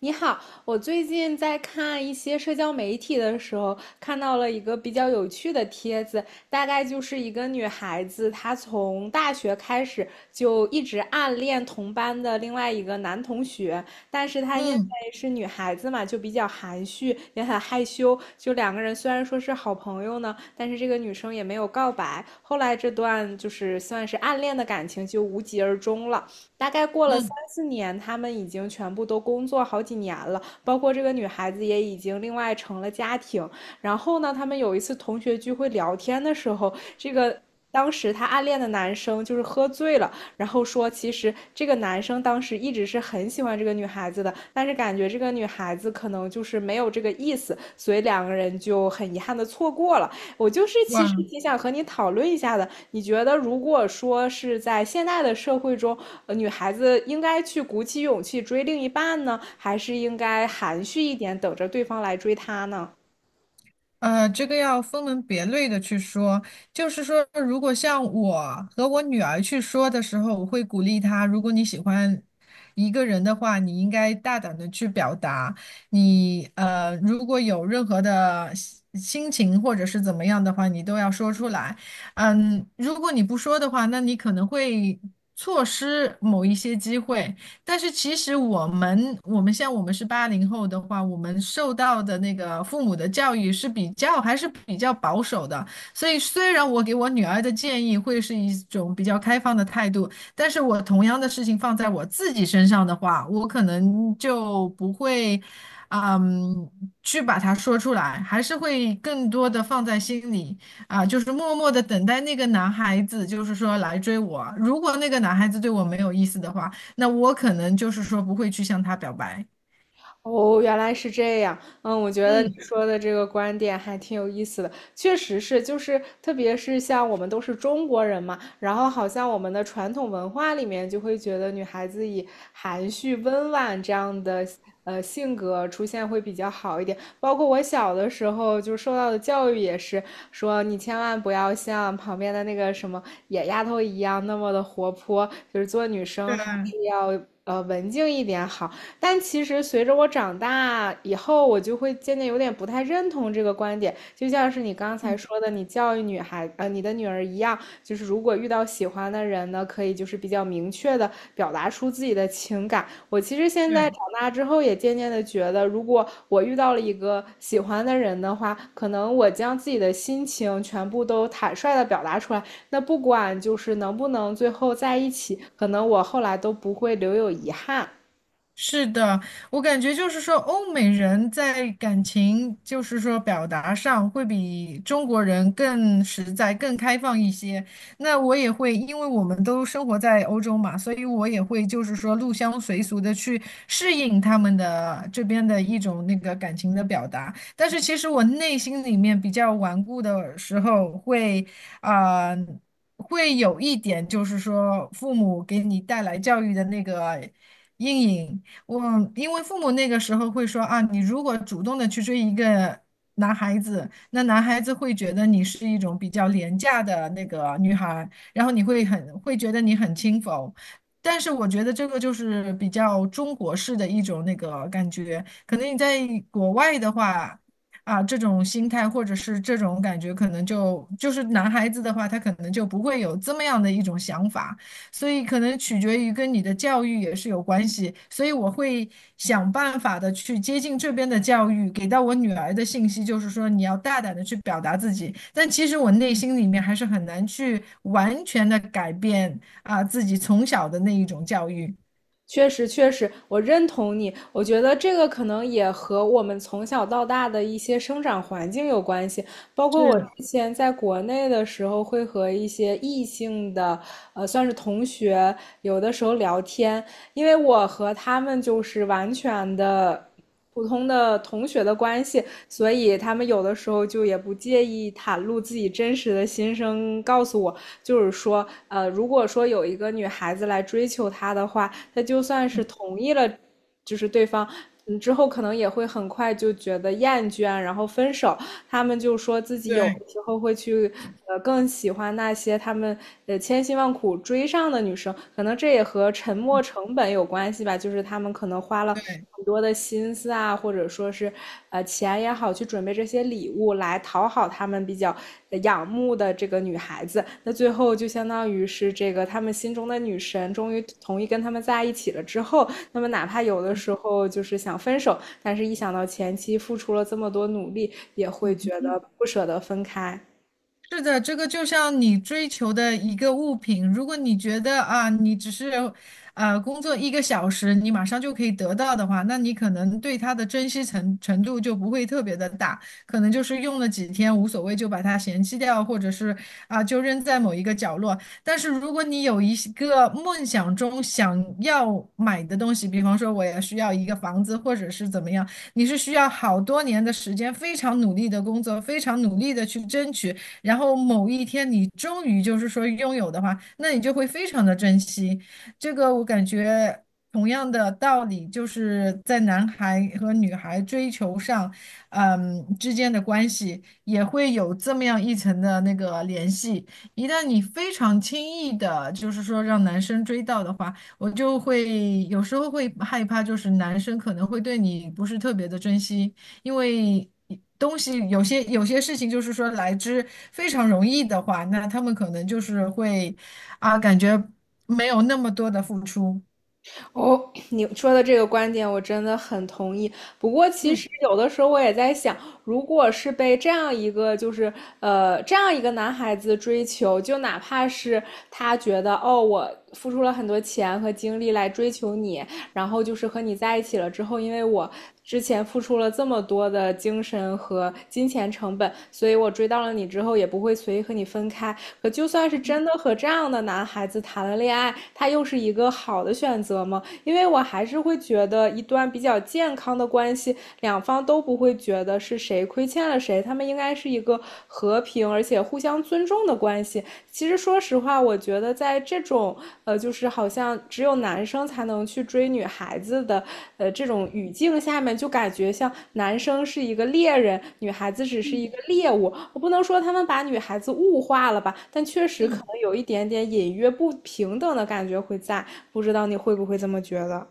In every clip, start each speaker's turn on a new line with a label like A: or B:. A: 你好，我最近在看一些社交媒体的时候，看到了一个比较有趣的帖子，大概就是一个女孩子，她从大学开始就一直暗恋同班的另外一个男同学，但是她因为
B: 嗯
A: 是女孩子嘛，就比较含蓄，也很害羞，就两个人虽然说是好朋友呢，但是这个女生也没有告白，后来这段就是算是暗恋的感情就无疾而终了。大概过了三
B: 嗯，
A: 四年，他们已经全部都工作好几年了，包括这个女孩子也已经另外成了家庭。然后呢，他们有一次同学聚会聊天的时候，这个。当时他暗恋的男生就是喝醉了，然后说其实这个男生当时一直是很喜欢这个女孩子的，但是感觉这个女孩子可能就是没有这个意思，所以两个人就很遗憾的错过了。我就是其实
B: 哇，
A: 挺想和你讨论一下的。你觉得如果说是在现代的社会中，女孩子应该去鼓起勇气追另一半呢，还是应该含蓄一点，等着对方来追她呢？
B: 这个要分门别类的去说。就是说，如果像我和我女儿去说的时候，我会鼓励她，如果你喜欢一个人的话，你应该大胆的去表达。你如果有任何的心情或者是怎么样的话，你都要说出来。嗯，如果你不说的话，那你可能会错失某一些机会。但是其实我们像我们是80后的话，我们受到的那个父母的教育是比较还是比较保守的，所以虽然我给我女儿的建议会是一种比较开放的态度，但是我同样的事情放在我自己身上的话，我可能就不会，嗯，去把它说出来，还是会更多的放在心里。啊，就是默默的等待那个男孩子，就是说来追我。如果那个男孩子对我没有意思的话，那我可能就是说不会去向他表白。
A: 哦，原来是这样。嗯，我觉得你
B: 嗯，
A: 说的这个观点还挺有意思的，确实是，就是特别是像我们都是中国人嘛，然后好像我们的传统文化里面就会觉得女孩子以含蓄温婉这样的性格出现会比较好一点。包括我小的时候就受到的教育也是说，你千万不要像旁边的那个什么野丫头一样那么的活泼，就是做女生还是
B: 对
A: 要文静一点好。但其实随着我长大以后，我就会渐渐有点不太认同这个观点。就像是你刚才说的，你教育女孩，你的女儿一样，就是如果遇到喜欢的人呢，可以就是比较明确的表达出自己的情感。我其实现在
B: 对。
A: 长大之后，也渐渐的觉得，如果我遇到了一个喜欢的人的话，可能我将自己的心情全部都坦率的表达出来，那不管就是能不能最后在一起，可能我后来都不会留有遗憾。
B: 是的，我感觉就是说，欧美人在感情，就是说表达上会比中国人更实在、更开放一些。那我也会，因为我们都生活在欧洲嘛，所以我也会就是说入乡随俗的去适应他们的这边的一种那个感情的表达。但是其实我内心里面比较顽固的时候会，啊。会有一点，就是说父母给你带来教育的那个阴影，我因为父母那个时候会说啊，你如果主动的去追一个男孩子，那男孩子会觉得你是一种比较廉价的那个女孩，然后你会很会觉得你很轻浮。但是我觉得这个就是比较中国式的一种那个感觉，可能你在国外的话，啊，这种心态或者是这种感觉，可能就是男孩子的话，他可能就不会有这么样的一种想法。所以可能取决于跟你的教育也是有关系，所以我会想办法的去接近这边的教育，给到我女儿的信息就是说你要大胆的去表达自己，但其实我内心里面还是很难去完全的改变啊、自己从小的那一种教育。
A: 确实，确实，我认同你。我觉得这个可能也和我们从小到大的一些生长环境有关系。包括我
B: 是，
A: 之前在国内的时候，会和一些异性的，算是同学，有的时候聊天，因为我和他们就是完全的。普通的同学的关系，所以他们有的时候就也不介意袒露自己真实的心声，告诉我，就是说，如果说有一个女孩子来追求他的话，他就算是
B: 嗯
A: 同意了，就是对方，嗯，之后可能也会很快就觉得厌倦，然后分手。他们就说自己有
B: 对。
A: 时候会去，更喜欢那些他们千辛万苦追上的女生，可能这也和沉没成本有关系吧，就是他们可能花了。很多的心思啊，或者说是，钱也好，去准备这些礼物来讨好好他们比较仰慕的这个女孩子，那最后就相当于是这个他们心中的女神终于同意跟他们在一起了之后，那么哪怕有的时候就是想分手，但是一想到前期付出了这么多努力，也会觉得不舍得分开。
B: 是的，这个就像你追求的一个物品，如果你觉得啊，你只是，工作1个小时，你马上就可以得到的话，那你可能对它的珍惜程度就不会特别的大，可能就是用了几天无所谓，就把它嫌弃掉，或者是啊，就扔在某一个角落。但是如果你有一些个梦想中想要买的东西，比方说我也需要一个房子，或者是怎么样，你是需要好多年的时间，非常努力的工作，非常努力的去争取。然后某一天你终于就是说拥有的话，那你就会非常的珍惜。这个我感觉同样的道理，就是在男孩和女孩追求上，嗯之间的关系也会有这么样一层的那个联系。一旦你非常轻易的，就是说让男生追到的话，我就会有时候会害怕，就是男生可能会对你不是特别的珍惜。因为东西有些事情就是说来之非常容易的话，那他们可能就是会啊，感觉没有那么多的付出。
A: 哦，你说的这个观点我真的很同意。不过，其
B: 嗯
A: 实有的时候我也在想，如果是被这样一个就是这样一个男孩子追求，就哪怕是他觉得哦我付出了很多钱和精力来追求你，然后就是和你在一起了之后，因为我之前付出了这么多的精神和金钱成本，所以我追到了你之后也不会随意和你分开。可就算是真的和这样的男孩子谈了恋爱，他又是一个好的选择吗？因为我还是会觉得一段比较健康的关系，两方都不会觉得是谁亏欠了谁，他们应该是一个和平。平而且互相尊重的关系。其实说实话，我觉得在这种就是好像只有男生才能去追女孩子的这种语境下面，就感觉像男生是一个猎人，女孩子只是一个猎物。我不能说他们把女孩子物化了吧，但确实可
B: 嗯。
A: 能有一点点隐约不平等的感觉会在。不知道你会不会这么觉得？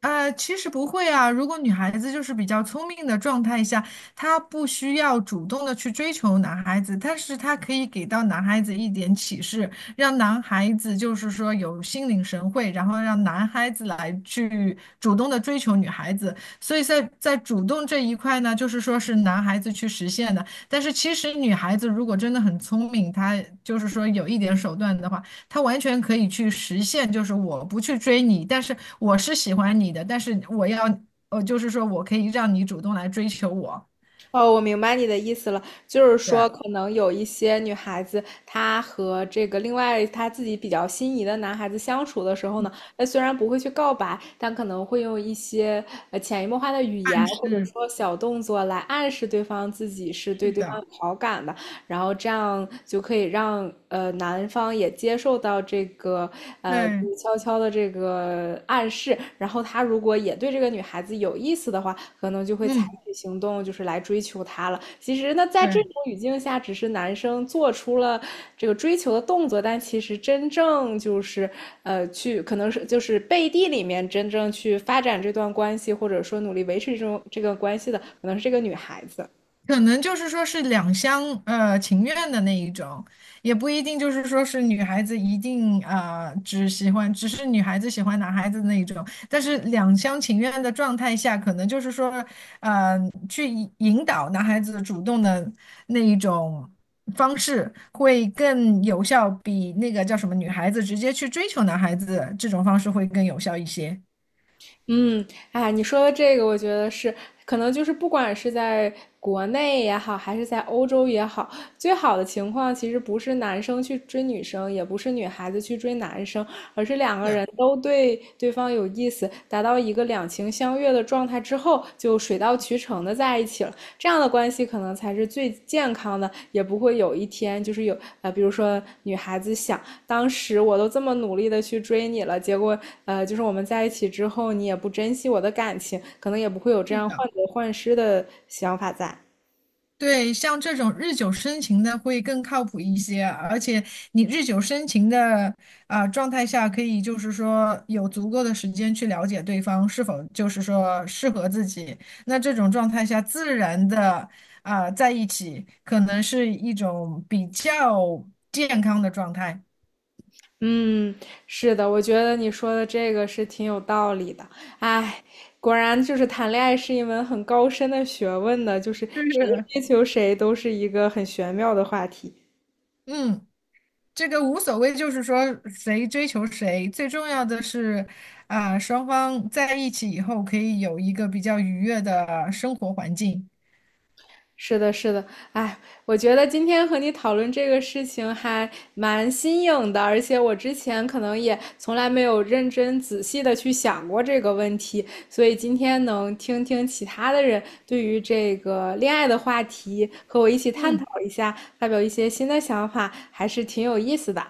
B: 其实不会啊。如果女孩子就是比较聪明的状态下，她不需要主动的去追求男孩子，但是她可以给到男孩子一点启示，让男孩子就是说有心领神会，然后让男孩子来去主动的追求女孩子。所以在主动这一块呢，就是说是男孩子去实现的。但是其实女孩子如果真的很聪明，她就是说有一点手段的话。他完全可以去实现，就是我不去追你，但是我是喜欢你的，但是我要，就是说我可以让你主动来追求我，
A: 哦，我明白你的意思了，就是
B: 对，
A: 说，
B: 暗
A: 可能有一些女孩子，她和这个另外她自己比较心仪的男孩子相处的时候呢，她虽然不会去告白，但可能会用一些潜移默化的语言或者
B: 示，
A: 说小动作来暗示对方自己是
B: 是
A: 对对方
B: 的，
A: 有好感的，然后这样就可以让男方也接受到这个静
B: 对，
A: 悄悄的这个暗示，然后他如果也对这个女孩子有意思的话，可能就会采
B: 嗯，
A: 取行动，就是来追求她了。其实呢，在这
B: 对。
A: 种语境下，只是男生做出了这个追求的动作，但其实真正就是去可能是就是背地里面真正去发展这段关系，或者说努力维持这种这个关系的，可能是这个女孩子。
B: 可能就是说是两厢情愿的那一种，也不一定就是说是女孩子一定只喜欢，只是女孩子喜欢男孩子的那一种。但是两厢情愿的状态下，可能就是说呃去引导男孩子主动的那一种方式会更有效，比那个叫什么女孩子直接去追求男孩子这种方式会更有效一些。
A: 嗯，啊，你说的这个，我觉得是，可能就是不管是在国内也好，还是在欧洲也好，最好的情况其实不是男生去追女生，也不是女孩子去追男生，而是两个
B: 对，
A: 人都对对方有意思，达到一个两情相悦的状态之后，就。就水到渠成的在一起了。这样的关系可能才是最健康的，也不会有一天就是有比如说女孩子想，当时我都这么努力的去追你了，结果就是我们在一起之后，你也不珍惜我的感情，可能也不会有这
B: 是
A: 样患
B: 的。
A: 得患失的想法在。
B: 对，像这种日久生情的会更靠谱一些，而且你日久生情的啊、状态下，可以就是说有足够的时间去了解对方是否就是说适合自己。那这种状态下，自然的啊、在一起，可能是一种比较健康的状态。
A: 嗯，是的，我觉得你说的这个是挺有道理的。哎，果然就是谈恋爱是一门很高深的学问的，就是
B: 就
A: 谁
B: 是
A: 追求谁都是一个很玄妙的话题。
B: 嗯。这个无所谓，就是说谁追求谁，最重要的是，啊、双方在一起以后可以有一个比较愉悦的生活环境。
A: 是的，是的，哎，我觉得今天和你讨论这个事情还蛮新颖的，而且我之前可能也从来没有认真仔细的去想过这个问题，所以今天能听听其他的人对于这个恋爱的话题和我一起探讨一下，发表一些新的想法，还是挺有意思的。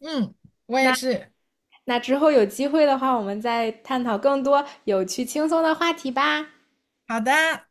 B: 嗯，我也
A: 那
B: 是。
A: 之后有机会的话，我们再探讨更多有趣轻松的话题吧。
B: 好的。